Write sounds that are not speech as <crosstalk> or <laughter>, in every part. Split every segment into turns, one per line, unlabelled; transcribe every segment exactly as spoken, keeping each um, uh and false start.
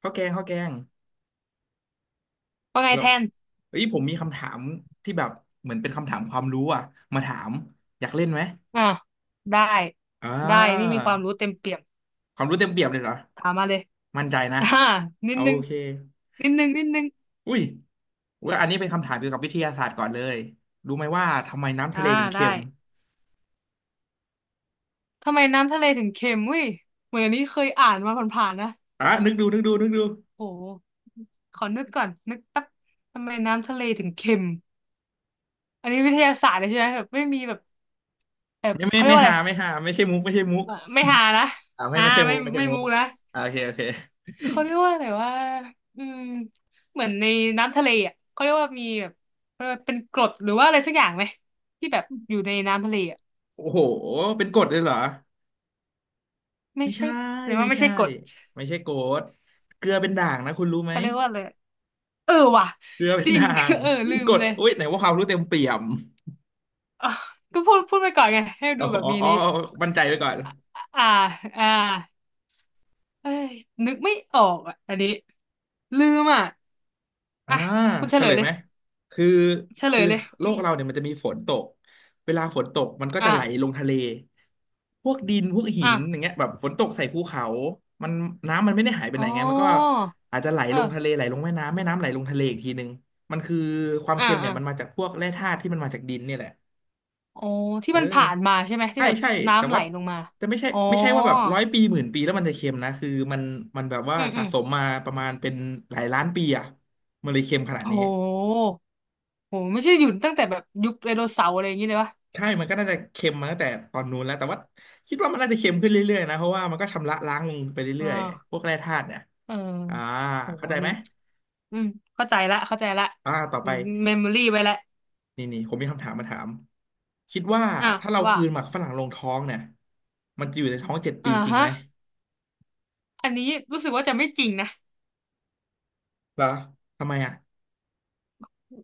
ข้าวแกงข้าวแกง
ว่าไง
แล้ว
แทน
เอ้ยผมมีคำถามที่แบบเหมือนเป็นคำถามความรู้อ่ะมาถามอยากเล่นไหม
อ่าได้
อ่า
ได้นี่มีความรู้เต็มเปี่ยม
ความรู้เต็มเปี่ยมเลยเหรอ
ถามมาเลย
มั่นใจนะ
<laughs> อ่านิ
โอ
ดนึง
เค
นิดนึงนิดนึง
อุ้ยว่าอันนี้เป็นคำถามเกี่ยวกับวิทยาศาสตร์ก่อนเลยรู้ไหมว่าทำไมน้ำ
อ่า
ทะเลถึง
ได้
เค็ม
ทำไมน้ำทะเลถึงเค็มอุ้ยเหมือนอันนี้เคยอ่านมาผ่านๆนะ
อ่ะนึกดูนึกดูนึกดู
โหขอนึกก่อนนึกแป๊บทำไมน้ำทะเลถึงเค็มอันนี้วิทยาศาสตร์เลยใช่ไหมแบบไม่มีแบบแบบ
ไม่ไม่
เขาเรียก
ไม่
ว่าอะ
หา
ไร
ไม่หาไม่ใช่มุกไม่ใช่มุก
ไม่หานะ
อ่าไม่
อ่า
ไม่ใช่มุ
ไม่
กไม่ใช่
ไม่
มุก
มุกนะ
อ่าโอเคโอเค
เขาเรียกว่าอะไรว่าอืมเหมือนในน้ำทะเลอ่ะเขาเรียกว่ามีแบบเขาเรียกว่าเป็นกรดหรือว่าอะไรสักอย่างไหมที่แบบอยู่ในน้ำทะเลอ่ะ
โอ้โหเป็นกฎเลยเหรอ
ไม่
ไม่
ใช่
ใช่
แสดง
ไม่
ว่าไม่
ใช่
ใช่กรด
ไม่ใช่โกดเกลือเป็นด่างนะคุณรู้ไหม
เขาเรียกว่าอะไรเออว่ะ
เกลือเป็
จ
น
ริง
ด่าง
<laughs> เออ
เป็
ลื
น
ม
กรด
เลย
อุ้ยไหนว่าความรู้เต็มเปี่ยม
อ่ะก็พูดพูดไปก่อนไงให้
อ๋
ดู
อ
แบบ
อ๋อ
มี
อ๋อ
นี้
มั่นใจไว้ก่อน
อ่าอ่าเอ้ยนึกไม่ออกอ่ะอันนี้ลืมอ่ะ
อ่า
อ่ะคุณเฉ
เฉ
ล
ล
ย
ย
เล
ไห
ย
มคือ
เฉล
คือ
ยเลย
โล
นี่
กเราเนี่ยมันจะมีฝนตกเวลาฝนตกมันก็จะ
อ่า
ไหลลงทะเลพวกดินพวกหินอย่าง
อ่า
เงี้ยแบบฝนตกใส่ภูเขามันน้ำมันไม่ได้หายไป
อ๋
ไห
อ
นไงมันก็อาจจะไหล
เออ
ลงทะเลไหลลงแม่น้ำแม่น้ำไหลลงทะเลอีกทีนึงมันคือความ
อ่า
เค็มเนี่
อ่า
ยมันมาจากพวกแร่ธาตุที่มันมาจากดินเนี่ยแหละ
อ๋อที่
เออ
มันผ่านมาใช่ไหมที่
ใช่
แบบ
ใช่แต่
น้ำไหล
ว่า
ลงมา
แต่ไม่ใช่
อ๋อ
ไม่ใช่ว่าแบบร้อยปีหมื่นปีแล้วมันจะเค็มนะคือมันมันแบบว่า
อืมอื
สะ
ม
สมมาประมาณเป็นหลายล้านปีอ่ะมันเลยเค็มขนาด
โ
นี้
หโหไม่ใช่หยุดตั้งแต่แบบยุคไดโนเสาร์อะไรอย่างนี้เลยวะ
ใช่มันก็น่าจะเค็มมาตั้งแต่ตอนนู้นแล้วแต่ว่าคิดว่ามันน่าจะเค็มขึ้นเรื่อยๆนะเพราะว่ามันก็ชำระล้างลงไป
อ่
เรื่อยๆพ
า
วกแร่ธาตุเนี่ย
เออ
อ่า
โห
เข้าใจ
อัน
ไหม
นี้อืมเข้าใจละเข้าใจละ
อ่าต่อไป
เมมโมรี่ไว้ละ
นี่นี่ผมมีคำถามมาถามคิดว่า
อ่ะ
ถ้าเราก
ว่า
ลืนหมากฝรั่งลงท้องเนี่ยมันจะอยู่ในท้องเจ็ดปี
อ่า
จริง
ฮะ
ไหม
อันนี้รู้สึกว่าจะไม่จริงนะ
เหรอทำไมอ่ะ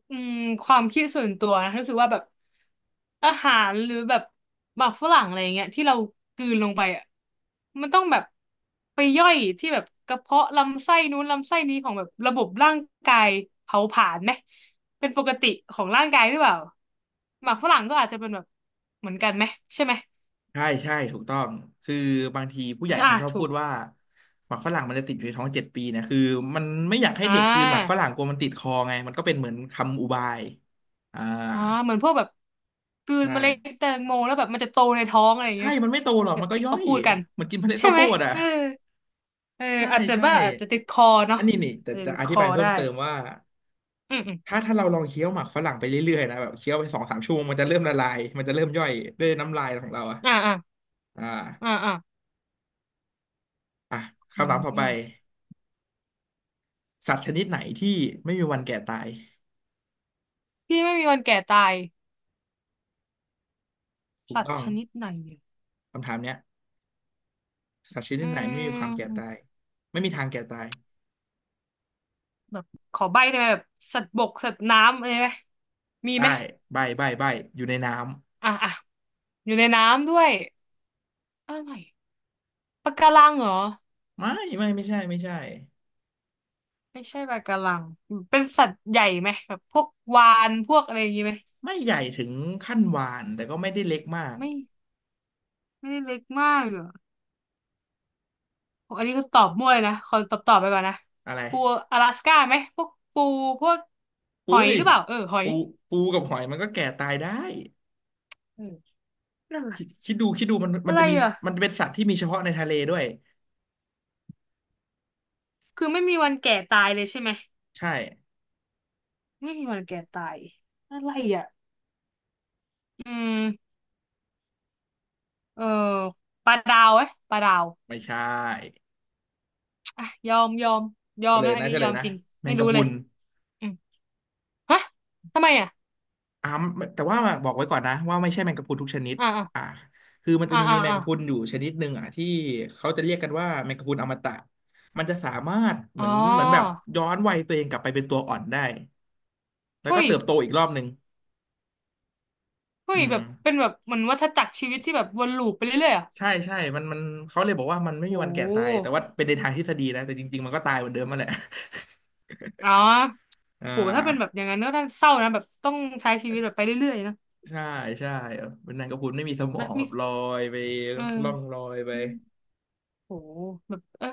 อืมความคิดส่วนตัวนะรู้สึกว่าแบบอาหารหรือแบบหมักฝรั่งอะไรอย่างเงี้ยที่เรากลืนลงไปอ่ะมันต้องแบบไปย่อยที่แบบกระเพาะลำไส้นู้นลำไส้นี้ของแบบระบบร่างกายเผาผลาญไหมเป็นปกติของร่างกายหรือเปล่าหมักฝรั่งก็อาจจะเป็นแบบเหมือนกันไหมใช่ไหม
ใช่ใช่ถูกต้องคือบางทีผู้ใหญ่
ใช่
เขา
อ่ะ
ชอบ
ถู
พู
ก
ดว่าหมักฝรั่งมันจะติดอยู่ในท้องเจ็ดปีนะคือมันไม่อยากให้
อ่
เด็กกลืนหมักฝ
า
รั่งกลัวมันติดคอไงมันก็เป็นเหมือนคำอุบายอ่า
อ่าเหมือนพวกแบบกลืน
ใช่
เมล็ดแตงโมแล้วแบบมันจะโตในท้องอะไรอย่าง
ใช่
เงี้ย
มันไม่โตหรอก
แบ
มั
บ
นก็
ที่
ย่อ
เขา
ย
พูดกัน
เหมันกินเมล็ด
ใช่
ข้าวโพ
ไหม
ดอ่ะ
เออ เออ
ใช่
อาจจะ
ใช่
ว่าอาจจะติดคอ
อั
เนาะ
นนี้นี่แต่
อาจจะ
จะ
ติด
อ
ค
ธิ
อ
บายเพิ่ม
ได้
เติมว่า
อืมอืม
ถ้าถ้าเราลองเคี้ยวหมักฝรั่งไปเรื่อยๆนะแบบเคี้ยวไปสองสามชั่วโมงมันจะเริ่มละลายมันจะเริ่มย่อยด้วยน้ำลายของเราอ่ะ
อ่าอ่า
อ่า
อ่าอ่า
อ่ะ
อื
คำ
ม
ถามต่อ
อื
ไป
ม
สัตว์ชนิดไหนที่ไม่มีวันแก่ตาย
ที่ไม่มีวันแก่ตาย
ถูก
สัต
ต้
ว์
อง
ชนิดไหนเนี่ย
คำถามเนี้ยสัตว์ชนิ
อื
ดไหนไม่มีความแก่
ม
ตายไม่มีทางแก่ตาย
แบบขอใบ้ได้ไหมแบบสัตว์บกสัตว์น้ำอะไรไหมมี
ได้
ไหม
ใบใบใบอยู่ในน้
อ่าอ่าอยู่ในน้ำด้วยอะไรปะการังเหรอ
ำไม่ไม่ไม่ใช่ไม่ใช่
ไม่ใช่ปะการังเป็นสัตว์ใหญ่ไหมแบบพวกวาฬพวกอะไรอย่างงี้ไหม
ไม่ใหญ่ถึงขั้นวาฬแต่ก็ไม่ได้เล็กมาก
ไม่ไม่ได้เล็กมากเหรอ อันนี้ก็ตอบมั่วเลยนะคนตอบตอบไปก่อนนะ
อะไร
ปูอลาสก้าไหมพวกปูพวกห
อุ้
อย
ย
หรือเปล่าเออหอย
ปูปูกับหอยมันก็แก่ตายได้
เออนั่น
คิดคิดดูคิดดูมันมั
อะ
น
ไร
จะ
อะ
มี
ไรอ่ะ
มันเป็นสัตว์ที่มีเฉพาะในทะเลด้วย
คือไม่มีวันแก่ตายเลยใช่ไหม
ใช่
ไม่มีวันแก่ตายอะไรอ่ะอืมเออปลาดาวไหมปลาดาว
ไม่ใช่
อ่ะยอมยอมยอ
เฉ
ม
ล
แล้
ย
วอัน
นะ
นี้
เฉล
ยอ
ย
ม
นะ
จริง
แม
ไม่
งกะ
รู้
พรุ
เลย
น
อืมฮะทำไมอ่ะ
อ่าแต่ว่าบอกไว้ก่อนนะว่าไม่ใช่แมงกะพรุนทุกชนิด
อ่า
อ่าคือมันจะ
อ่า
มี
อ่า
แมง
อ่า
กะพรุนอยู่ชนิดหนึ่งอ่ะที่เขาจะเรียกกันว่าแมงกะพรุนอมตะมันจะสามารถเห
อ๋
มื
อ
อนเหมือนแบบย้อนวัยตัวเองกลับไปเป็นตัวอ่อนได้แล้ว
เฮ้
ก็
ย
เติบโตอีกรอบหนึ่ง
เฮ้
อื
ย
ม
แบบเป็นแบบเหมือนวัฏจักรชีวิตที่แบบวนลูปไปเรื่อยๆอ่ะ
ใช่ใช่มันมันเขาเลยบอกว่ามันไม่มี
โอ้
วันแก่ตายแต่ว่าเป็นในทางทฤษฎีนะแต่จริงๆมันก็ตายเหมือนเดิมมาแหละ
อ๋อ
<laughs> อ่า
โหถ้าเป็นแบบอย่างนั้นก็น่าเศร้านะแบบต้องใช้ชีวิตแบบไปเรื่อยๆนะ
ใช่ใช่เป็นแมงกระพรุนไม่มีสมอ
นะ
งแบ
มี
บลอยไป
เออ
ล่องลอยไป
อืมโหแบบเออ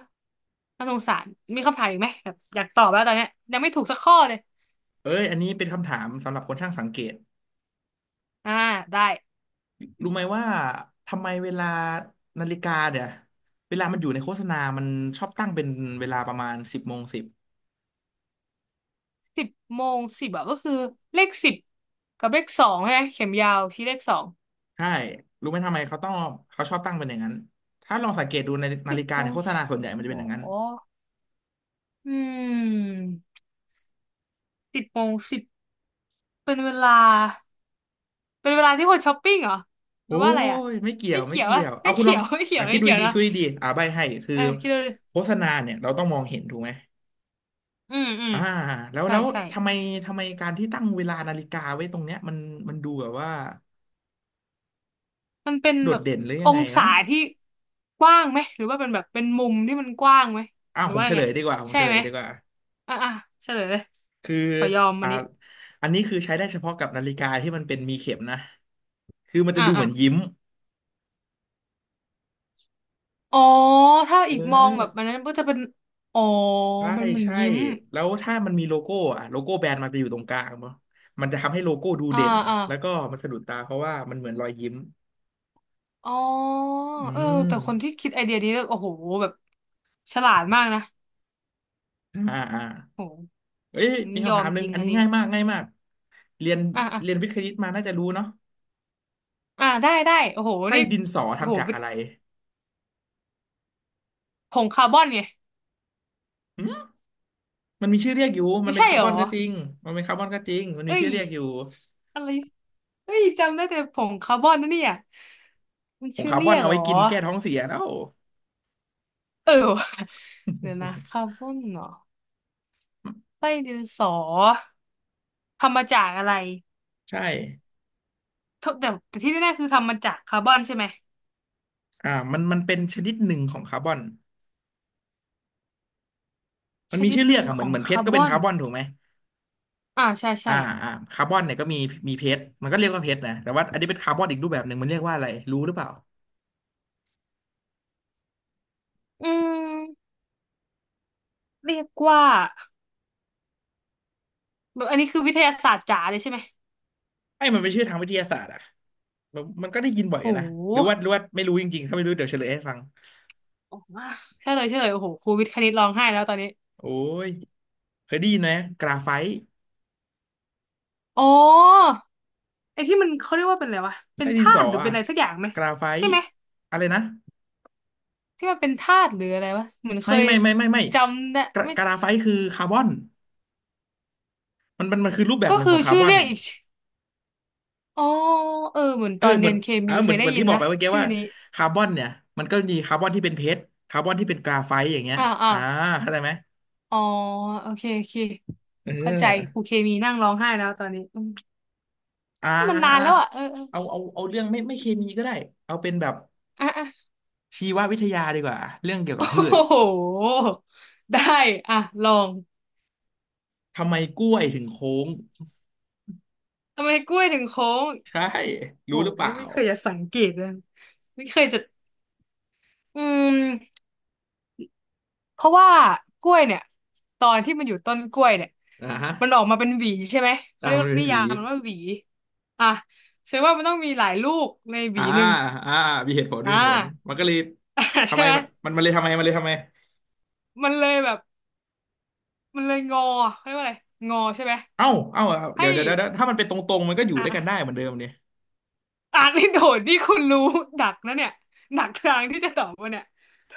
น่าสงสารมีคำถามอีกไหมแบบอยากตอบแล้วตอนเนี้ยยังไม่ถูกสักข้อเลย
เอ้ยอันนี้เป็นคำถามสำหรับคนช่างสังเกต
อ่าได้
รู้ไหมว่าทำไมเวลานาฬิกาเนี่ยเวลามันอยู่ในโฆษณามันชอบตั้งเป็นเวลาประมาณสิบโมงสิบ
สิบโมงสิบอะก็คือเลขสิบกับเลขสองใช่ไหมเข็มยาวชี้เลขสอง
ใช่รู้ไหมทำไมเขาต้องเขาชอบตั้งเป็นอย่างนั้นถ้าลองสังเกตดูในนา
สิบ
ฬิกา
โม
ใน
ง
โฆษ
ส
ณาส่วน
ิ
ให
บ
ญ่มันจะ
หร
เป็นอ
อ
ย่างนั้น
อืมสิบโมงสิบเป็นเวลาเป็นเวลาที่คนช้อปปิ้งเหรอห
โอ้
รือว่าอะไรอะ
ยไม่เกี่ย
ไม่
วไม่
เกี่ยว
เกี่
อะ
ยว
ไม่
เอาคุณล
เกี่
อ
ย
ง
วไม่เกี่ย
อ่ะ
ว
คิด
ไม่
ดู
เกี่ยว
ดีๆ
นะ
คิดดูดีๆอ่าใบให้คือ
เออคิดดูดิ
โฆษณาเนี่ยเราต้องมองเห็นถูกไหม
อืมอืม
อ่าแล้ว
ใช่
แล้ว
ใช่
ทำไมทำไมการที่ตั้งเวลานาฬิกาไว้ตรงเนี้ยมันมันดูแบบว่า
มันเป็น
โด
แบ
ด
บ
เด่นหรือยั
อ
งไง
งศา
เนาะ
ที่กว้างไหมหรือว่าเป็นแบบเป็นมุมที่มันกว้างไหม
อ้า
ห
ว
รือ
ผม
ว่า
เฉ
ไง
ลยดีกว่าผม
ใช่
เฉล
ไหม
ยดีกว่า
อ่ะอ่ะเฉลยเลย
คือ
ขอยอมอั
อ่า
นนี้
อันนี้คือใช้ได้เฉพาะกับนาฬิกาที่มันเป็นมีเข็มนะคือมันจะ
อ่ะ
ดูเห
อ่ะ
มือนยิ้ม
อ๋อถ้า
เ
อีกมองแบบ
ออ
อันนั้นก็จะเป็นอ๋อ
ใช่
เป็นเหมือน
ใช่
ยิ้ม
แล้วถ้ามันมีโลโก้อะโลโก้แบรนด์มันจะอยู่ตรงกลางเนาะมันจะทำให้โลโก้ดู
อ่า
เด่น
อ่า
แล้วก็มันสะดุดตาเพราะว่ามันเหมือนรอยยิ้ม
อ๋อ
อื
เออ
ม
แต่คนที่คิดไอเดียนี้แล้วโอ้โหแบบฉลาดมากนะ
อ่าอ่า
โอ้โห
เอ้ย
นี่
มี
ยอ
คำถา
ม
มห
จ
นึ่ง
ริง
อัน
อัน
นี้
นี้
ง่ายมากง่ายมากเรียน
อ่ะอ่ะ
เรียนวิทย์คณิตมาน่าจะรู้เนาะ
อ่ะได้ได้โอ้โห
ไส้
นี่
ดินสอ
โอ้โห
ทำจากอะไร
ผงคาร์บอนไง
มันมีชื่อเรียกอยู่มัน
ไม่
เป็น
ใช่
คา
ห
ร์
ร
บ
อ
อนก็จริงมันเป็นคาร์บอนก็จริงมันมี
เอ้
ชื่
ย
อเรียกอยู่
อะไร เฮ้ยจำได้แต่ผงคาร์บอนนะเนี่ยมัน
ผง
ชื่อ
คาร์บ
เรี
อน
ยก
เอา
เหร
ไว้
อ
กินแก้ท้องเสียแล้ว
เออ <laughs> ว่ะเดี๋ยวนะ
<laughs>
คาร์บอนเหรอไส้ดินสอทำมาจากอะไร
ใช่
ทุกแต่แต่ที่แน่ๆคือทำมาจากคาร์บอนใช่ไหม
อ่ามันมันเป็นชนิดหนึ่งของคาร์บอนมั
ช
นมี
นิด
ชื่อ
ห
เรีย
นึ่
ก
ง
อะเห
ข
มือ
อ
น
ง
เหมือนเพช
คา
รก็
ร์บ
เป็น
อน
คาร์บอนถูกไหม
อ่าใช่ใช่
อ่าอ่าคาร์บอนเนี่ยก็มีมีเพชรมันก็เรียกว่าเพชรนะแต่ว่าอันนี้เป็นคาร์บอนอีกรูปแบบหนึ่งมันเรียกว่าอะไรรู้หรือเปล่า
อืมเรียกว่าแบบอันนี้คือวิทยาศาสตร์จ๋าเลยใช่ไหม
ไอ้ยมันเป็นชื่อทางวิทยาศาสตร์อะมันมันก็ได้ยินบ่อย
โ
อยู่นะหรือ
ห
ว่าหรือว่าไม่รู้จริงๆถ้าไม่รู้เดี๋ยวเฉลยให้ฟัง
โอ้มากใช่เลยใช่เลยโอ้โหครูวิทย์คณิตร้องไห้แล้วตอนนี้
โอ้ยเคยได้ยินไหมกราไฟต์
อ๋อไอ้ที่มันเขาเรียกว่าเป็นอะไรวะเป็
ไส้
น
ดิน
ธา
สอ
ตุหรือเป็
อะ
นอะไรสักอย่างไหม
กราไฟ
ใช่
ต์
ไหม
อะไรนะ
ที่มันเป็นธาตุหรืออะไรวะเหมือนเค
ไม่
ย
ไม่ไม่ไม่ไม่
จำได้
กรา
ไม่
กราไฟต์คือคาร์บอน มันมันมันคือรูปแบบ
ก็
หนึ่งข
คื
อ
อ
งคาร์
ชื่
บ
อ
อน
เรียกอีกชื่ออ๋อเออเหมือน
เอ
ต
อ
อน
เห
เรี
มือ
ย
น
นเค
อ่า
มี
เห
เค
มือ
ย
น
ได้
เหมือน
ยิ
ที่
น
บอก
นะ
ไปเมื่อกี้
ชื่อ
ว่า
นี้
คาร์บอนเนี่ยมันก็มีคาร์บอนที่เป็นเพชรคาร์บอนที่เป็นกราไฟต์อย่างเงี้ย
อ่าอ่า
อ่าเข้าใจไหม
อ๋อโอเคโอเค
เ
เข้าใจค
ออ
รูเคมีนั่งร้องไห้แล้วตอนนี้อืม
อ่
มันนานแล้ว
า
อ่ะเออเออ
เอาเอาเอาเรื่องไม่ไม่เคมีก็ได้เอาเป็นแบบ
อ่ะอ่ะ
ชีววิทยาดีกว่าเรื่องเกี่ยวกับพื
<laughs>
ช
โอ้โหได้อ่ะลอง
ทำไมกล้วยถึงโค้ง
ทำไมกล้วยถึงโค้ง
ใช่
โอ้
รู้ห
โห
รือเปล่า
ไม่เคยจะสังเกตเลยไม่เคยจะอืม เพราะว่ากล้วยเนี่ยตอนที่มันอยู่ต้นกล้วยเนี่ย
อ่าฮะ
มันออกมาเป็นหวีใช่ไหมเขา
อ่า
เรียก
มันเป็
นิ
นหวี
ยามมันว่าหวีอ่ะแสดงว่ามันต้องมีหลายลูกในหวี
อ่า
หนึ่ง
อ่ามีเหตุผลมี
อ่า
เหตุผลมันก็เลย
<laughs>
ทำ
ใช่
ไม
ไหม
มันมันมันเลยทำไมมันเลยทำไม
มันเลยแบบมันเลยงอเขาเรียกว่าอะไรงอใช่ไหม
เอ้าเอ้าเอา
ให้
เดี๋ยวเดี๋ยวเดี๋ยว ถ้ามันเป็นตรงๆมันก็อยู่
อ่ะ
ด้วย
อ่
กันได้เหมือนเดิมเนี่ย
านนี่โดดนี่คุณรู้ดักนะเนี่ยหนักทางที่จะตอบว่าเนี่ยโถ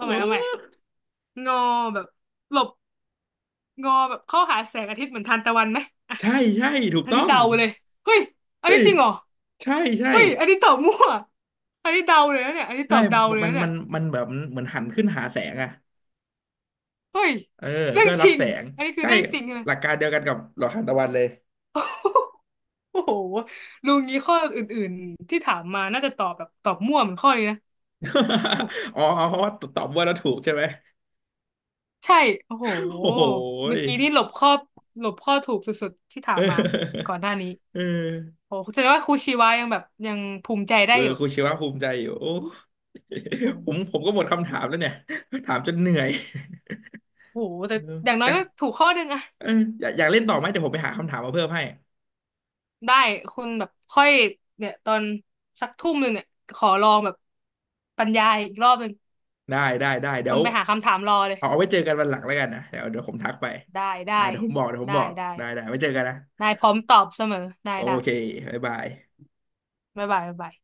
เอ
าใหม่เอาใหม่
อ
งอแบบหลบงอแบบเข้าหาแสงอาทิตย์เหมือนทานตะวันไหม
ใช่ใช่ถูก
อัน
ต้อ
นี้
ง
เดาเลยเฮ้ยอัน
เฮ้
นี้
ย
จริงเหรอ
ใช่ใช่
เฮ้ยอันนี้ตอบมั่วอันนี้เดาเลยนะเนี่ยอันนี้ต
ใช่
อบเดาเลย
มัน
นะเนี่
มั
ย
นมันแบบเหมือนหันขึ้นหาแสงอ่ะ
เฮ้ย
เออ
เรื่อ
เพื่
ง
อ
จ
รับ
ริ
แส
ง
ง
อันนี้คือ
ใช่
เรื่องจริงใช่ไหม
หลักการเดียวกันกับหลอดทานตะวันเลย
โอ้โหลุงนี้ข้ออื่นๆที่ถามมาน่าจะตอบแบบตอบมั่วเหมือนข้อนี้นะโอ้
<laughs> อ๋ออ๋อเพราะว่าตอบว่าเราถูกใช่ไหม
ใช่โอ้โห
โอ้โห
เมื่
ย
อกี้นี่หลบข้อหลบข้อถูกสุดๆที่ถาม
เอ
มา
อ
ก่อนหน้านี้
เออ
โอ้แสดงว่าครูชีวายังแบบยังภูมิใจได้
เออ
อยู่
ครูชีวะภูมิใจอยู่โอ้
โอ
ผมผม
้
ก็หมดคำถามแล้วเนี่ย ถามจนเหนื่อย
โหแต่
เออ
อย่างน้
อ
อย
ยาก
ก็ถูกข้อหนึ่งอะ
เอออยากอยากเล่นต่อไหมเดี๋ยวผมไปหาคำถามมาเพิ่มให้
ได้คุณแบบค่อยเนี่ยตอนสักทุ่มหนึ่งเนี่ยขอลองแบบบรรยายอีกรอบหนึ่ง
ได้ได้ได้เดี๋
คุ
ย
ณ
ว
ไปหาคำถามรอเลย
เอาเอาไว้เจอกันวันหลังแล้วกันนะเดี๋ยวเดี๋ยวผมทักไป
ได้
อ่า
ได้
เดี๋ยวผมบอกเดี๋ยวผม
ได้
บอก
ได้
ได้ได้ไว้เจอกันนะ
ได้พร้อมตอบเสมอได้
โอ
ได้
เคบ๊ายบาย
บ๊ายบายบ๊ายบาย